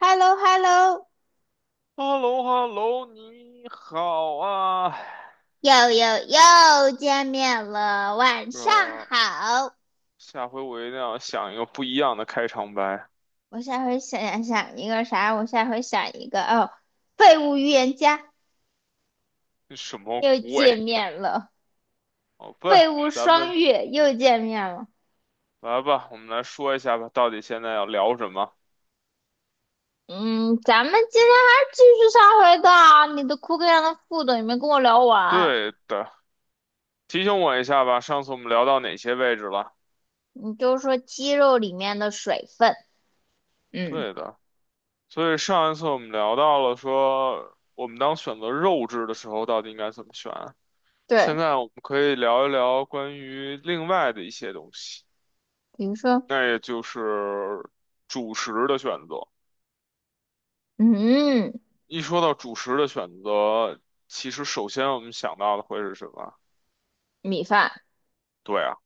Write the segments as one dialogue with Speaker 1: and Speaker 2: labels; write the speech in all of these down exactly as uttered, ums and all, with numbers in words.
Speaker 1: h e l l o h e l l o
Speaker 2: h e l l o h e l l o 你好啊！
Speaker 1: 又又又见面了，晚上
Speaker 2: 呃，
Speaker 1: 好。
Speaker 2: 下回我一定要想一个不一样的开场白。
Speaker 1: 我下回想想一个啥？我下回想一个哦，废物预言家
Speaker 2: 这什么
Speaker 1: 又见
Speaker 2: 鬼？
Speaker 1: 面了，
Speaker 2: 好
Speaker 1: 废
Speaker 2: 吧，
Speaker 1: 物
Speaker 2: 咱们
Speaker 1: 双月又见面了。
Speaker 2: 来吧，我们来说一下吧，到底现在要聊什么？
Speaker 1: 嗯，咱们今天还是继续上回的啊你的库克上的副总你没跟我聊完，
Speaker 2: 对的，提醒我一下吧，上次我们聊到哪些位置了？
Speaker 1: 你就说鸡肉里面的水分，嗯，
Speaker 2: 对的，所以上一次我们聊到了说，我们当选择肉质的时候，到底应该怎么选啊？现
Speaker 1: 对，
Speaker 2: 在我们可以聊一聊关于另外的一些东西。
Speaker 1: 比如说，
Speaker 2: 那也就是主食的选择。
Speaker 1: 嗯，
Speaker 2: 一说到主食的选择，其实首先我们想到的会是什么？
Speaker 1: 米饭，
Speaker 2: 对啊，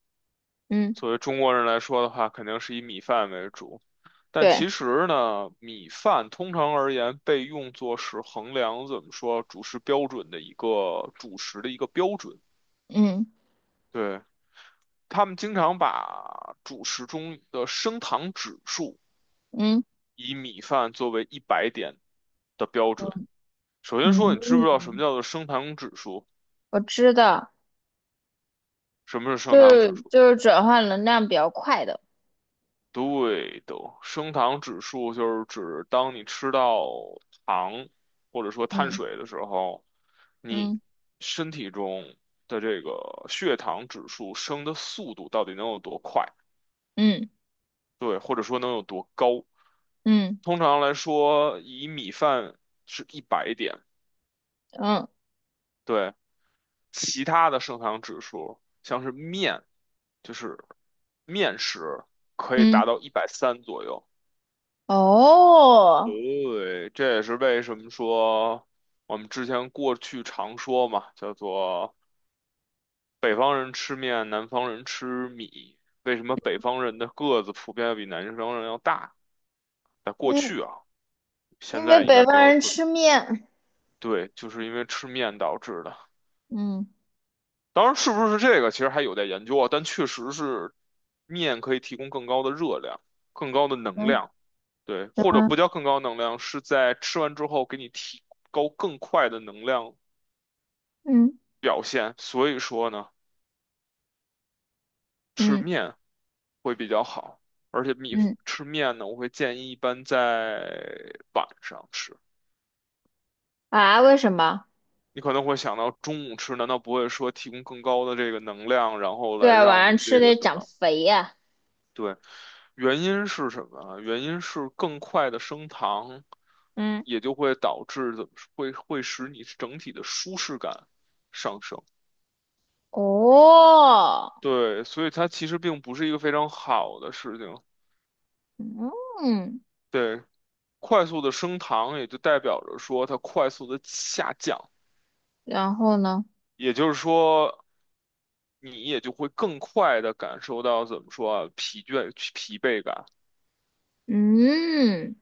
Speaker 1: 嗯，
Speaker 2: 作为中国人来说的话，肯定是以米饭为主。但
Speaker 1: 对，
Speaker 2: 其实呢，米饭通常而言被用作是衡量怎么说主食标准的一个主食的一个标准。
Speaker 1: 嗯
Speaker 2: 对，他们经常把主食中的升糖指数
Speaker 1: 嗯
Speaker 2: 以米饭作为一百点的标准。
Speaker 1: 嗯
Speaker 2: 首先说，你知不知道什么
Speaker 1: 嗯，
Speaker 2: 叫做升糖指数？
Speaker 1: 我知道，
Speaker 2: 什么是升
Speaker 1: 就
Speaker 2: 糖指
Speaker 1: 是
Speaker 2: 数？
Speaker 1: 就是转换能量比较快的，
Speaker 2: 对的，升糖指数就是指当你吃到糖或者说碳
Speaker 1: 嗯
Speaker 2: 水的时候，你
Speaker 1: 嗯
Speaker 2: 身体中的这个血糖指数升的速度到底能有多快？
Speaker 1: 嗯
Speaker 2: 对，或者说能有多高？
Speaker 1: 嗯
Speaker 2: 通常来说，以米饭是一百点，
Speaker 1: 嗯
Speaker 2: 对，其他的升糖指数，像是面，就是面食可以
Speaker 1: 嗯，
Speaker 2: 达到一百三左右。
Speaker 1: 哦，
Speaker 2: 对，这也是为什么说我们之前过去常说嘛，叫做北方人吃面，南方人吃米。为什么北方人的个子普遍要比南方人要大？在过
Speaker 1: 嗯，
Speaker 2: 去啊，现
Speaker 1: 因为
Speaker 2: 在应
Speaker 1: 北
Speaker 2: 该没
Speaker 1: 方
Speaker 2: 有
Speaker 1: 人
Speaker 2: 特，
Speaker 1: 吃面，
Speaker 2: 对，就是因为吃面导致的。
Speaker 1: 嗯
Speaker 2: 当然，是不是这个其实还有待研究啊，但确实是面可以提供更高的热量、更高的能
Speaker 1: 嗯
Speaker 2: 量，对，或者
Speaker 1: 嗯
Speaker 2: 不叫更高能量，是在吃完之后给你提高更快的能量
Speaker 1: 嗯
Speaker 2: 表现。所以说呢，吃
Speaker 1: 嗯
Speaker 2: 面会比较好，而且米
Speaker 1: 嗯，
Speaker 2: 吃面呢，我会建议一般在晚上吃。
Speaker 1: 啊，为什么？
Speaker 2: 你可能会想到中午吃，难道不会说提供更高的这个能量，然后
Speaker 1: 对
Speaker 2: 来
Speaker 1: 啊，晚
Speaker 2: 让
Speaker 1: 上
Speaker 2: 你
Speaker 1: 吃
Speaker 2: 这个
Speaker 1: 得
Speaker 2: 什
Speaker 1: 长
Speaker 2: 么？
Speaker 1: 肥呀、
Speaker 2: 对，原因是什么啊？原因是更快的升糖，
Speaker 1: 嗯，
Speaker 2: 也就会导致怎么说会会使你整体的舒适感上升。
Speaker 1: 哦，
Speaker 2: 对，所以它其实并不是一个非常好的事情。
Speaker 1: 嗯，
Speaker 2: 对，快速的升糖也就代表着说它快速的下降，
Speaker 1: 然后呢？
Speaker 2: 也就是说你也就会更快的感受到怎么说啊疲倦疲惫感。
Speaker 1: 嗯，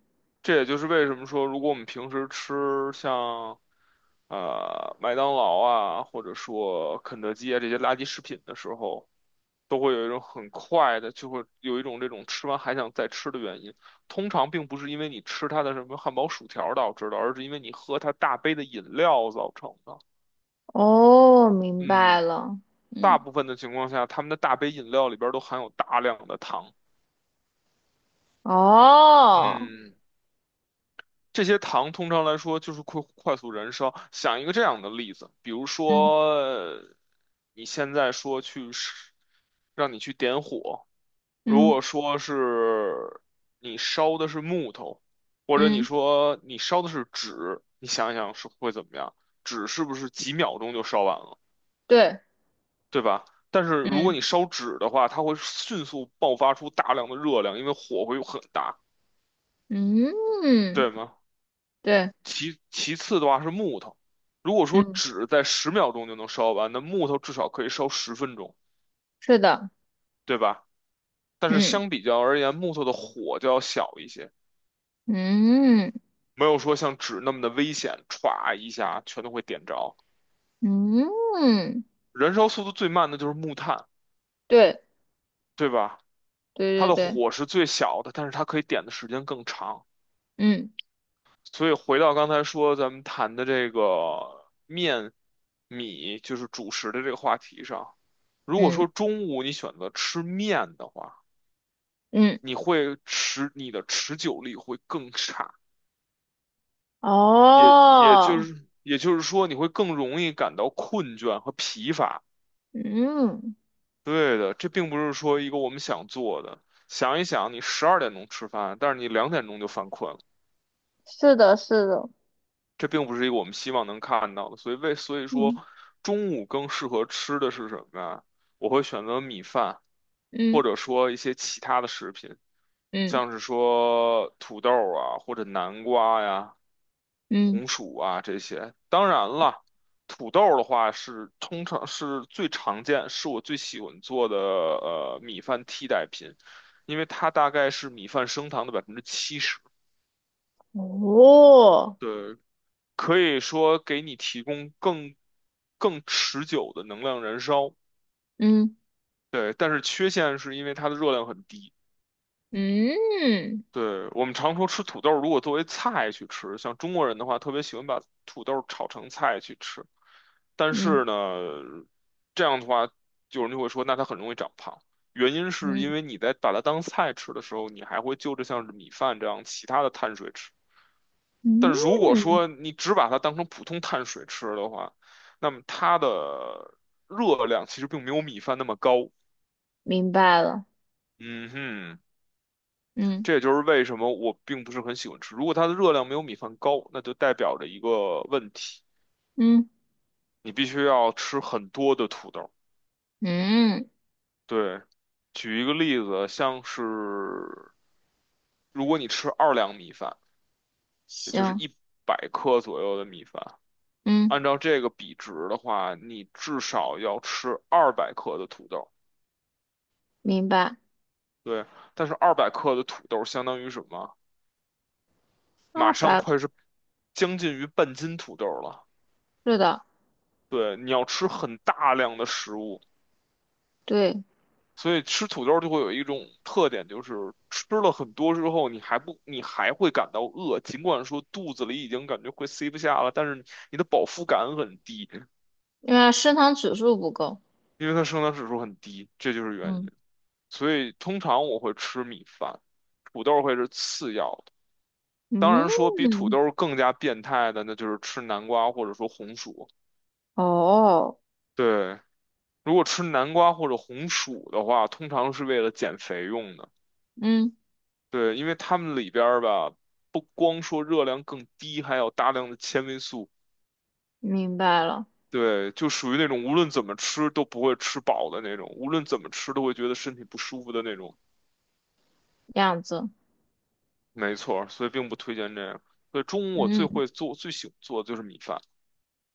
Speaker 2: 这也就是为什么说，如果我们平时吃像呃麦当劳啊，或者说肯德基啊这些垃圾食品的时候，都会有一种很快的，就会有一种这种吃完还想再吃的原因。通常并不是因为你吃它的什么汉堡、薯条导致的，而是因为你喝它大杯的饮料造成的。
Speaker 1: 哦，明白
Speaker 2: 嗯，
Speaker 1: 了，
Speaker 2: 大
Speaker 1: 嗯，
Speaker 2: 部分的情况下，他们的大杯饮料里边儿都含有大量的糖。
Speaker 1: 哦。
Speaker 2: 嗯。这些糖通常来说就是快快速燃烧。想一个这样的例子，比如
Speaker 1: 嗯。
Speaker 2: 说呃你现在说去是让你去点火，如
Speaker 1: 嗯
Speaker 2: 果说是你烧的是木头，或者
Speaker 1: 嗯，
Speaker 2: 你说你烧的是纸，你想一想是会怎么样？纸是不是几秒钟就烧完了，
Speaker 1: 对，
Speaker 2: 对吧？但是如果
Speaker 1: 嗯
Speaker 2: 你烧纸的话，它会迅速爆发出大量的热量，因为火会很大，
Speaker 1: 嗯，
Speaker 2: 对吗？
Speaker 1: 对，
Speaker 2: 其其次的话是木头，如果说
Speaker 1: 嗯，
Speaker 2: 纸在十秒钟就能烧完，那木头至少可以烧十分钟，
Speaker 1: 是的，
Speaker 2: 对吧？但是
Speaker 1: 嗯
Speaker 2: 相比较而言，木头的火就要小一些，
Speaker 1: 嗯
Speaker 2: 没有说像纸那么的危险，歘一下全都会点着。
Speaker 1: 嗯，
Speaker 2: 燃烧速度最慢的就是木炭，
Speaker 1: 对
Speaker 2: 对吧？它
Speaker 1: 对对
Speaker 2: 的
Speaker 1: 对，
Speaker 2: 火是最小的，但是它可以点的时间更长。
Speaker 1: 嗯
Speaker 2: 所以回到刚才说咱们谈的这个面米，就是主食的这个话题上，如果
Speaker 1: 嗯
Speaker 2: 说中午你选择吃面的话，
Speaker 1: 嗯，
Speaker 2: 你会持你的持久力会更差，也也就
Speaker 1: 哦，
Speaker 2: 是也就是说你会更容易感到困倦和疲乏。
Speaker 1: 嗯，
Speaker 2: 对的，这并不是说一个我们想做的。想一想，你十二点钟吃饭，但是你两点钟就犯困了。
Speaker 1: 是的，是的，
Speaker 2: 这并不是一个我们希望能看到的，所以为所以说，
Speaker 1: 嗯
Speaker 2: 中午更适合吃的是什么呀？我会选择米饭，或
Speaker 1: 嗯
Speaker 2: 者说一些其他的食品，
Speaker 1: 嗯
Speaker 2: 像是说土豆啊，或者南瓜呀、
Speaker 1: 嗯，
Speaker 2: 红薯啊这些。当然了，土豆的话是通常是最常见，是我最喜欢做的呃米饭替代品，因为它大概是米饭升糖的百分之七十。
Speaker 1: 哦，
Speaker 2: 对，可以说给你提供更更持久的能量燃烧。
Speaker 1: 嗯
Speaker 2: 对，但是缺陷是因为它的热量很低。
Speaker 1: 嗯
Speaker 2: 对，我们常说吃土豆，如果作为菜去吃，像中国人的话，特别喜欢把土豆炒成菜去吃。但
Speaker 1: 嗯
Speaker 2: 是呢，这样的话，有人就会说，那它很容易长胖。原因是
Speaker 1: 嗯
Speaker 2: 因为你在把它当菜吃的时候，你还会就着像是米饭这样其他的碳水吃。但如果
Speaker 1: 嗯，
Speaker 2: 说你只把它当成普通碳水吃的话，那么它的热量其实并没有米饭那么高。
Speaker 1: 明白了，
Speaker 2: 嗯哼，
Speaker 1: 嗯
Speaker 2: 这也就是为什么我并不是很喜欢吃。如果它的热量没有米饭高，那就代表着一个问题，
Speaker 1: 嗯
Speaker 2: 你必须要吃很多的土豆。
Speaker 1: 嗯，
Speaker 2: 对，举一个例子，像是如果你吃二两米饭，也就是
Speaker 1: 行，
Speaker 2: 一百克左右的米饭，
Speaker 1: 嗯，
Speaker 2: 按照这个比值的话，你至少要吃二百克的土豆。
Speaker 1: 明白。
Speaker 2: 对，但是二百克的土豆相当于什么？
Speaker 1: 啊，
Speaker 2: 马上
Speaker 1: 拜。
Speaker 2: 快是将近于半斤土豆了。
Speaker 1: 是的，
Speaker 2: 对，你要吃很大量的食物，
Speaker 1: 对，
Speaker 2: 所以吃土豆就会有一种特点，就是吃了很多之后，你还不，你还会感到饿，尽管说肚子里已经感觉快塞不下了，但是你的饱腹感很低，
Speaker 1: 因为升糖指数不够。
Speaker 2: 因为它升糖指数很低，这就是原
Speaker 1: 嗯，
Speaker 2: 因。所以通常我会吃米饭，土豆会是次要的。当然说比土
Speaker 1: 嗯，
Speaker 2: 豆更加变态的，那就是吃南瓜或者说红薯。
Speaker 1: 哦，
Speaker 2: 对，如果吃南瓜或者红薯的话，通常是为了减肥用的。
Speaker 1: 嗯，
Speaker 2: 对，因为它们里边儿吧，不光说热量更低，还有大量的纤维素。
Speaker 1: 明白了，
Speaker 2: 对，就属于那种无论怎么吃都不会吃饱的那种，无论怎么吃都会觉得身体不舒服的那种。
Speaker 1: 样子，
Speaker 2: 没错儿，所以并不推荐这样。所以中午我最
Speaker 1: 嗯
Speaker 2: 会做、最喜欢做的就是米饭。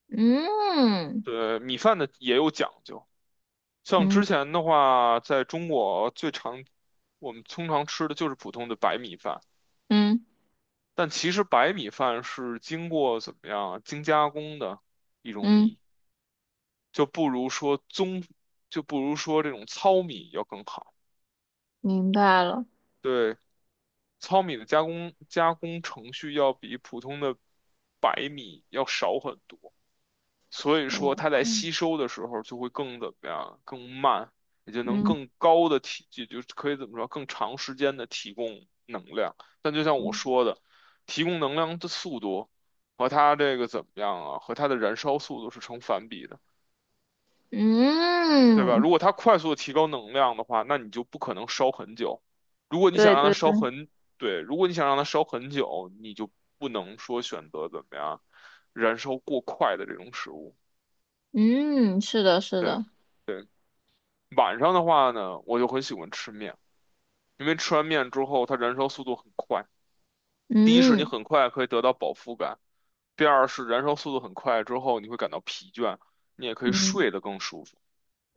Speaker 1: 嗯
Speaker 2: 对，米饭的也有讲究。像之
Speaker 1: 嗯
Speaker 2: 前的话，在中国最常我们通常吃的就是普通的白米饭，
Speaker 1: 嗯
Speaker 2: 但其实白米饭是经过怎么样啊精加工的一种
Speaker 1: 嗯，
Speaker 2: 米，就不如说棕，就不如说这种糙米要更好。
Speaker 1: 明白了，
Speaker 2: 对，糙米的加工加工程序要比普通的白米要少很多。所以
Speaker 1: 手
Speaker 2: 说它在
Speaker 1: 控
Speaker 2: 吸收的时候就会更怎么样，更慢，也就能
Speaker 1: 嗯
Speaker 2: 更高的提，也就可以怎么说，更长时间的提供能量。但就像我
Speaker 1: 嗯
Speaker 2: 说的，提供能量的速度和它这个怎么样啊，和它的燃烧速度是成反比的，对吧？
Speaker 1: 嗯，
Speaker 2: 如果它快速的提高能量的话，那你就不可能烧很久。如果你
Speaker 1: 对
Speaker 2: 想让它
Speaker 1: 对对，
Speaker 2: 烧很，对，如果你想让它烧很久，你就不能说选择怎么样燃烧过快的这种食物。
Speaker 1: 嗯，是的，是
Speaker 2: 对。
Speaker 1: 的，
Speaker 2: 晚上的话呢，我就很喜欢吃面，因为吃完面之后，它燃烧速度很快。第一是你
Speaker 1: 嗯
Speaker 2: 很快可以得到饱腹感，第二是燃烧速度很快之后，你会感到疲倦，你也可以
Speaker 1: 嗯，
Speaker 2: 睡得更舒服。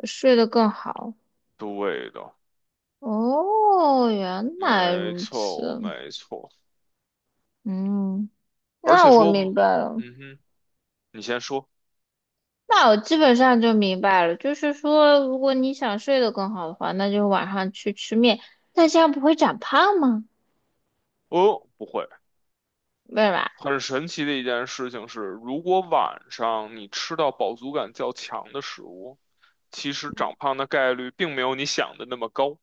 Speaker 1: 睡得更好。
Speaker 2: 对的，
Speaker 1: 哦，原来
Speaker 2: 没
Speaker 1: 如
Speaker 2: 错，
Speaker 1: 此，
Speaker 2: 没错。
Speaker 1: 嗯，
Speaker 2: 而
Speaker 1: 那
Speaker 2: 且
Speaker 1: 我明
Speaker 2: 说，
Speaker 1: 白了，
Speaker 2: 嗯哼，你先说。
Speaker 1: 那我基本上就明白了，就是说，如果你想睡得更好的话，那就晚上去吃面，那这样不会长胖吗？
Speaker 2: 哦，不会。
Speaker 1: 对吧？
Speaker 2: 很神奇的一件事情是，如果晚上你吃到饱足感较强的食物，其实长胖的概率并没有你想的那么高。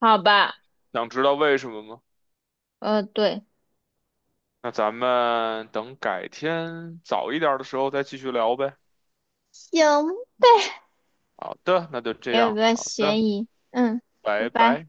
Speaker 1: 好吧，
Speaker 2: 想知道为什么吗？
Speaker 1: 呃，对，
Speaker 2: 那咱们等改天早一点儿的时候再继续聊呗。
Speaker 1: 行，
Speaker 2: 好的，那就这
Speaker 1: 没有
Speaker 2: 样。
Speaker 1: 个
Speaker 2: 好的，
Speaker 1: 嫌疑，嗯，拜
Speaker 2: 拜
Speaker 1: 拜。
Speaker 2: 拜。